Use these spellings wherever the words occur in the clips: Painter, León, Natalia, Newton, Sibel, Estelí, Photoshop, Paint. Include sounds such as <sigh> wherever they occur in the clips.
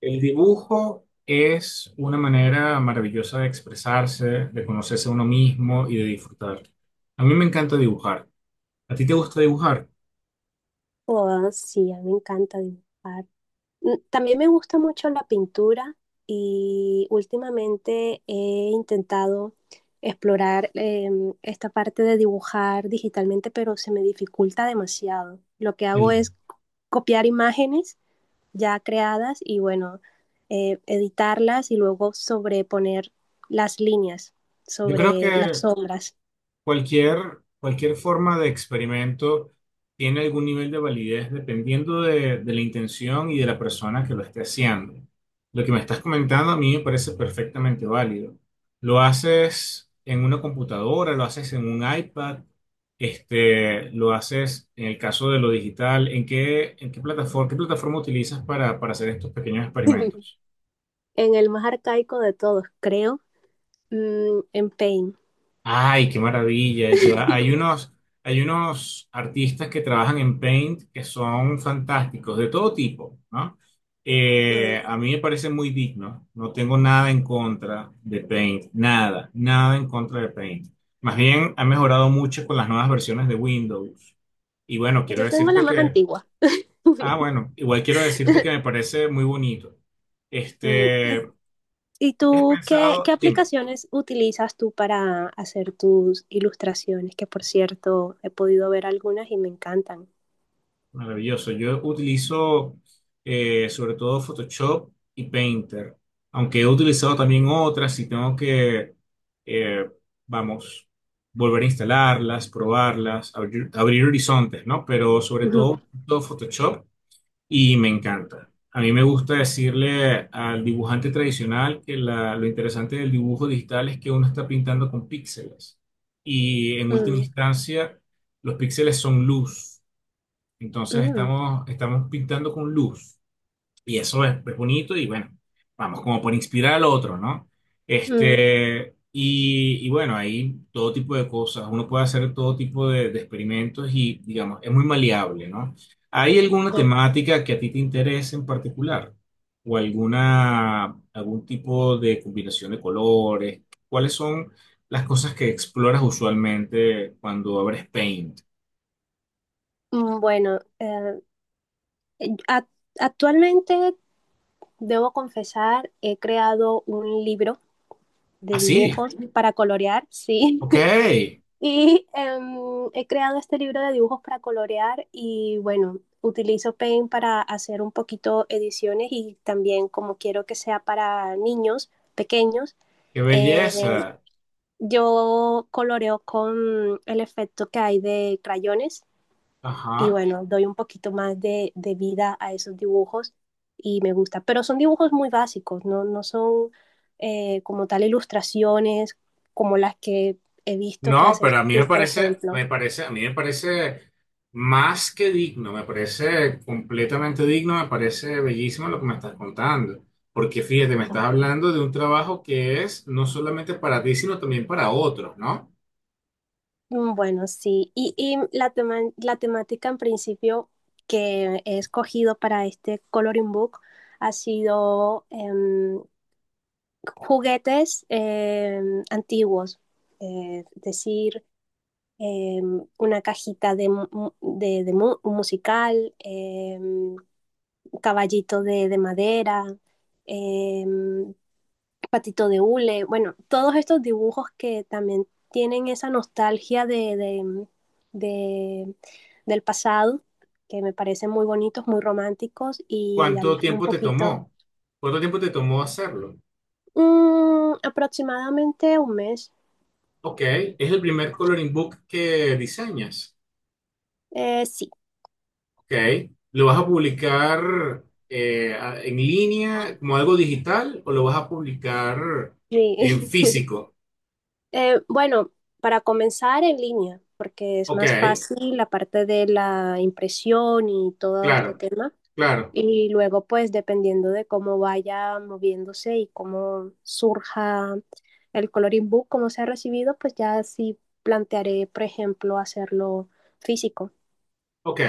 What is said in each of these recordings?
El dibujo es una manera maravillosa de expresarse, de conocerse a uno mismo y de disfrutar. A mí me encanta dibujar. ¿A ti te gusta dibujar? Oh, sí, a mí me encanta dibujar. También me gusta mucho la pintura y últimamente he intentado explorar esta parte de dibujar digitalmente, pero se me dificulta demasiado. Lo que hago El- es copiar imágenes ya creadas y bueno, editarlas y luego sobreponer las líneas yo creo sobre las que sombras. cualquier forma de experimento tiene algún nivel de validez dependiendo de la intención y de la persona que lo esté haciendo. Lo que me estás comentando a mí me parece perfectamente válido. Lo haces en una computadora, lo haces en un iPad, lo haces en el caso de lo digital. En qué plataforma utilizas para hacer estos pequeños <laughs> experimentos? En el más arcaico de todos, creo, en Paint. Ay, qué maravilla. <laughs> Hay unos artistas que trabajan en Paint que son fantásticos, de todo tipo, ¿no? Mm, A mí me parece muy digno. No tengo nada en contra de Paint, nada, nada en contra de Paint. Más bien, ha mejorado mucho con las nuevas versiones de Windows. Y bueno, quiero Yo tengo la decirte más antigua. ah, <laughs> bueno, igual quiero decirte que me parece muy bonito. ¿Y Este, y ¿tienes tú qué, qué pensado? Dime. aplicaciones utilizas tú para hacer tus ilustraciones? Que por cierto, he podido ver algunas y me encantan. Maravilloso. Yo utilizo sobre todo Photoshop y Painter, aunque he utilizado también otras y tengo que, eh, vamos, volver a instalarlas, probarlas, abrir horizontes, ¿no? Pero sobre Ujú. todo, todo Photoshop y me encanta. A mí me gusta decirle al dibujante tradicional que lo interesante del dibujo digital es que uno está pintando con píxeles y en última Mm, instancia los píxeles son luz. Entonces mm, estamos pintando con luz y eso es bonito y bueno, vamos como por inspirar al otro, ¿no? mm. Este, y bueno, hay todo tipo de cosas, uno puede hacer todo tipo de experimentos y digamos, es muy maleable, ¿no? ¿Hay alguna temática que a ti te interese en particular? ¿O algún tipo de combinación de colores? ¿Cuáles son las cosas que exploras usualmente cuando abres Paint? Bueno, a- actualmente debo confesar, he creado un libro de Así, dibujos para colorear, sí. <laughs> ok. Y he creado este libro de dibujos para colorear y bueno, utilizo Paint para hacer un poquito ediciones y también como quiero que sea para niños pequeños, Qué eh, belleza. yo coloreo con el efecto que hay de crayones y Ajá. bueno, doy un poquito más de vida a esos dibujos y me gusta. Pero son dibujos muy básicos, no, no son como tal ilustraciones como las que he visto que No, haces pero a mí tú, por ejemplo. me parece, a mí me parece más que digno, me parece completamente digno, me parece bellísimo lo que me estás contando. Porque fíjate, me estás hablando de un trabajo que es no solamente para ti, sino también para otros, ¿no? Bueno, sí. Y la la temática en principio que he escogido para este coloring book ha sido juguetes antiguos. Es decir, eh, una cajita musical, caballito de madera, eh, patito de hule, bueno, todos estos dibujos que también tienen esa nostalgia de- del pasado, que me parecen muy bonitos, muy románticos y ¿Cuánto alejan un tiempo te poquito, tomó? ¿Cuánto tiempo te tomó hacerlo? Aproximadamente un mes. Ok, es el primer coloring book que diseñas. Sí, Ok. ¿Lo vas a publicar en línea como algo digital o lo vas a publicar en sí. <laughs> físico? Bueno, para comenzar en línea, porque es Ok, más fácil la parte de la impresión y todo este claro, tema. claro. Y luego, pues, dependiendo de cómo vaya moviéndose y cómo surja el coloring book, cómo sea recibido, pues ya sí plantearé, por ejemplo, hacerlo físico. Ok,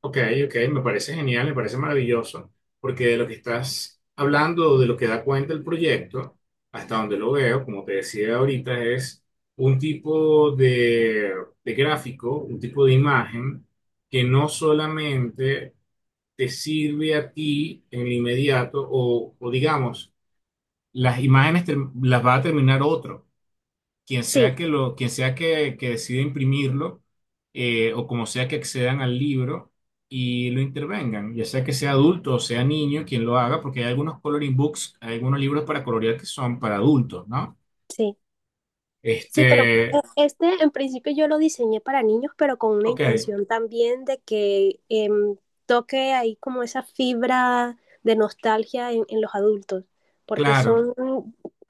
ok, ok. Me parece genial, me parece maravilloso. Porque de lo que estás hablando, de lo que da cuenta el proyecto, hasta donde lo veo, como te decía ahorita, es un tipo de gráfico, un tipo de imagen que no solamente te sirve a ti en el inmediato o digamos, las imágenes te- las va a terminar otro, Sí, quien sea que decida imprimirlo o como sea que accedan al libro y lo intervengan, ya sea que sea adulto o sea niño quien lo haga, porque hay algunos coloring books, hay algunos libros para colorear que son para adultos, ¿no? sí. Sí, pero Este, este en principio yo lo diseñé para niños, pero con una ok, intención también de que toque ahí como esa fibra de nostalgia en los adultos, porque claro, son,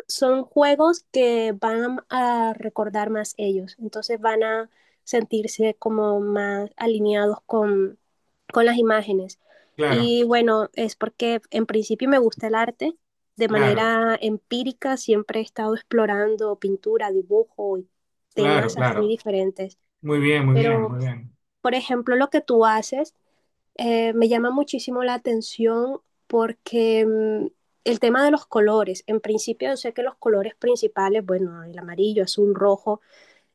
son juegos que van a recordar más ellos, entonces van a sentirse como más alineados con las imágenes. claro, Y bueno, es porque en principio me gusta el arte de claro, manera empírica siempre he estado explorando pintura, dibujo y claro, temas así claro. diferentes. Muy bien, muy bien, Pero, muy bien. por ejemplo, lo que tú haces me llama muchísimo la atención porque el tema de los colores, en principio yo sé que los colores principales, bueno, el amarillo, azul, rojo,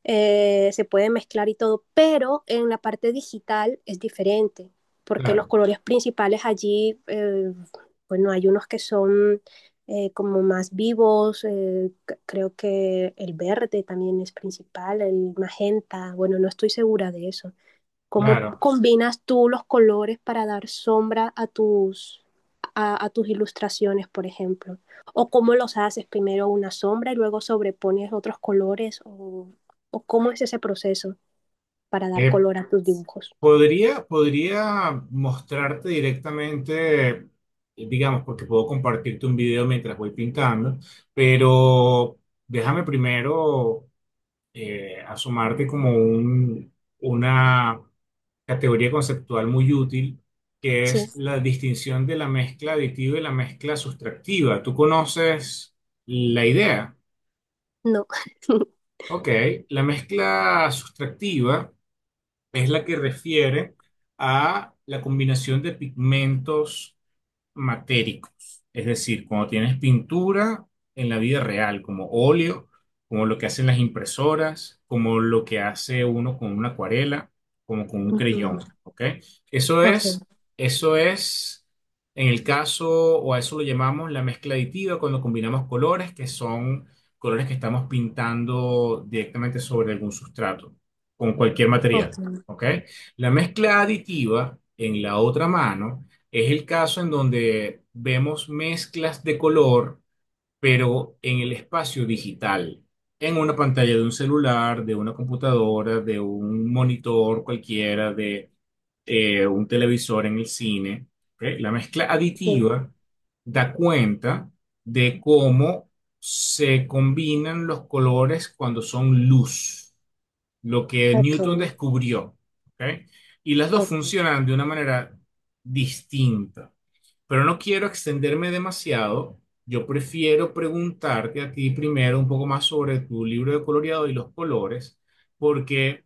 se puede mezclar y todo, pero en la parte digital es diferente, porque los Claro, colores principales allí, bueno, hay unos que son como más vivos, creo que el verde también es principal, el magenta, bueno, no estoy segura de eso. ¿Cómo claro. combinas tú los colores para dar sombra a tus, a tus ilustraciones, por ejemplo? ¿O cómo los haces? Primero una sombra y luego sobrepones otros colores. O cómo es ese proceso para dar Eh, color a tus dibujos? Podría mostrarte directamente, digamos, porque puedo compartirte un video mientras voy pintando, pero déjame primero asomarte como una categoría conceptual muy útil, que Sí, es la distinción de la mezcla aditiva y la mezcla sustractiva. ¿Tú conoces la idea? no. <laughs> Ok, la mezcla sustractiva es la que refiere a la combinación de pigmentos matéricos, es decir, cuando tienes pintura en la vida real, como óleo, como lo que hacen las impresoras, como lo que hace uno con una acuarela, como con un Ujú, creyón, ¿ok? Eso es, ok, eso es, en el caso, o a eso lo llamamos la mezcla aditiva, cuando combinamos colores que son colores que estamos pintando directamente sobre algún sustrato, con cualquier ok, material, ¿ok? La mezcla aditiva, en la otra mano, es el caso en donde vemos mezclas de color, pero en el espacio digital, en una pantalla de un celular, de una computadora, de un monitor cualquiera, de un televisor en el cine. ¿Ok? La mezcla sí, aditiva da cuenta de cómo se combinan los colores cuando son luz, lo que ok, Newton descubrió. ¿Ok? Y las dos ok. funcionan de una manera distinta. Pero no quiero extenderme demasiado. Yo prefiero preguntarte a ti primero un poco más sobre tu libro de coloreado y los colores, porque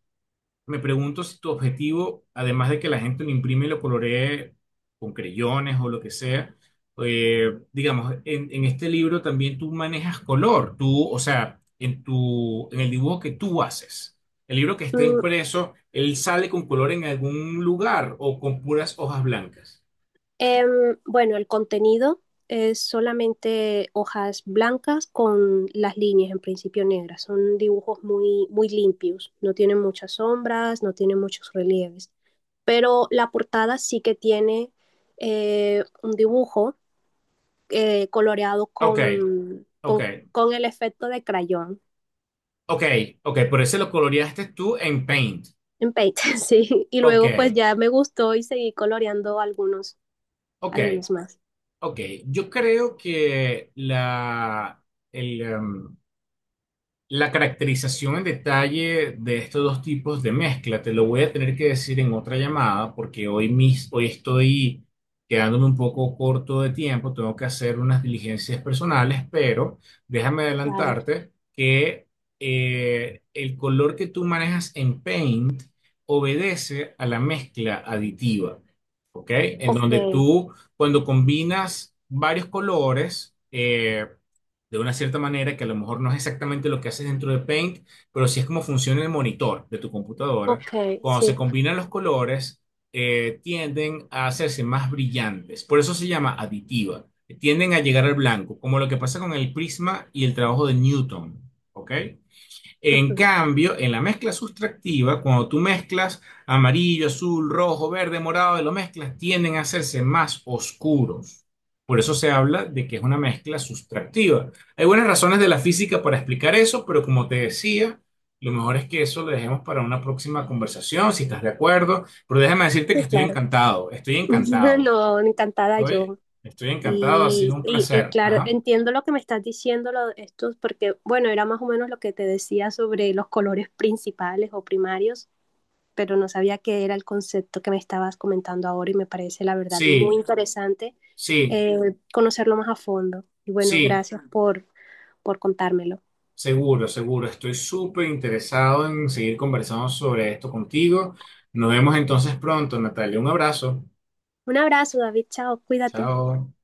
me pregunto si tu objetivo, además de que la gente lo imprime y lo coloree con creyones o lo que sea, en este libro también tú manejas color, tú, o sea, en tu, en el dibujo que tú haces. El libro que está Mm, impreso, él sale con color en algún lugar o con puras hojas blancas. Bueno, el contenido es solamente hojas blancas con las líneas en principio negras. Son dibujos muy, muy limpios, no tienen muchas sombras, no tienen muchos relieves. Pero la portada sí que tiene un dibujo coloreado Ok. con, Ok, con el efecto de crayón Ok, ok, por eso lo coloreaste tú en Paint. en Paint, <laughs> sí. Y Ok, luego pues ya me gustó y seguí coloreando algunos, ok, algunos más. ok. Yo creo que el, em, La caracterización en detalle de estos dos tipos de mezcla te lo voy a tener que decir en otra llamada porque hoy estoy quedándome un poco corto de tiempo, tengo que hacer unas diligencias personales, pero déjame Claro. adelantarte que el color que tú manejas en Paint obedece a la mezcla aditiva, ¿ok? En donde Ok, tú cuando combinas varios colores, de una cierta manera que a lo mejor no es exactamente lo que haces dentro de Paint, pero sí es como funciona el monitor de tu computadora. ok, Cuando se sí. combinan los colores, tienden a hacerse más brillantes. Por eso se llama aditiva. Tienden a llegar al blanco, como lo que pasa con el prisma y el trabajo de Newton. ¿Ok? En Ujú. cambio, en la mezcla sustractiva, cuando tú mezclas amarillo, azul, rojo, verde, morado, y lo mezclas, tienden a hacerse más oscuros. Por eso se habla de que es una mezcla sustractiva. Hay buenas razones de la física para explicar eso, pero como te decía, lo mejor es que eso lo dejemos para una próxima conversación, si estás de acuerdo. Pero déjame decirte Sí, que estoy claro. encantado, estoy <laughs> encantado. No, encantada Oye, yo. estoy encantado, ha sido Y, un y, y placer. claro, Ajá. entiendo lo que me estás diciendo, lo, estos, porque bueno, era más o menos lo que te decía sobre los colores principales o primarios, pero no sabía qué era el concepto que me estabas comentando ahora y me parece la verdad muy Sí, interesante sí, conocerlo más a fondo. Y bueno, sí. gracias por contármelo. Seguro, seguro. Estoy súper interesado en seguir conversando sobre esto contigo. Nos vemos entonces pronto, Natalia. Un abrazo. Un abrazo, David, chao, cuídate. Chao.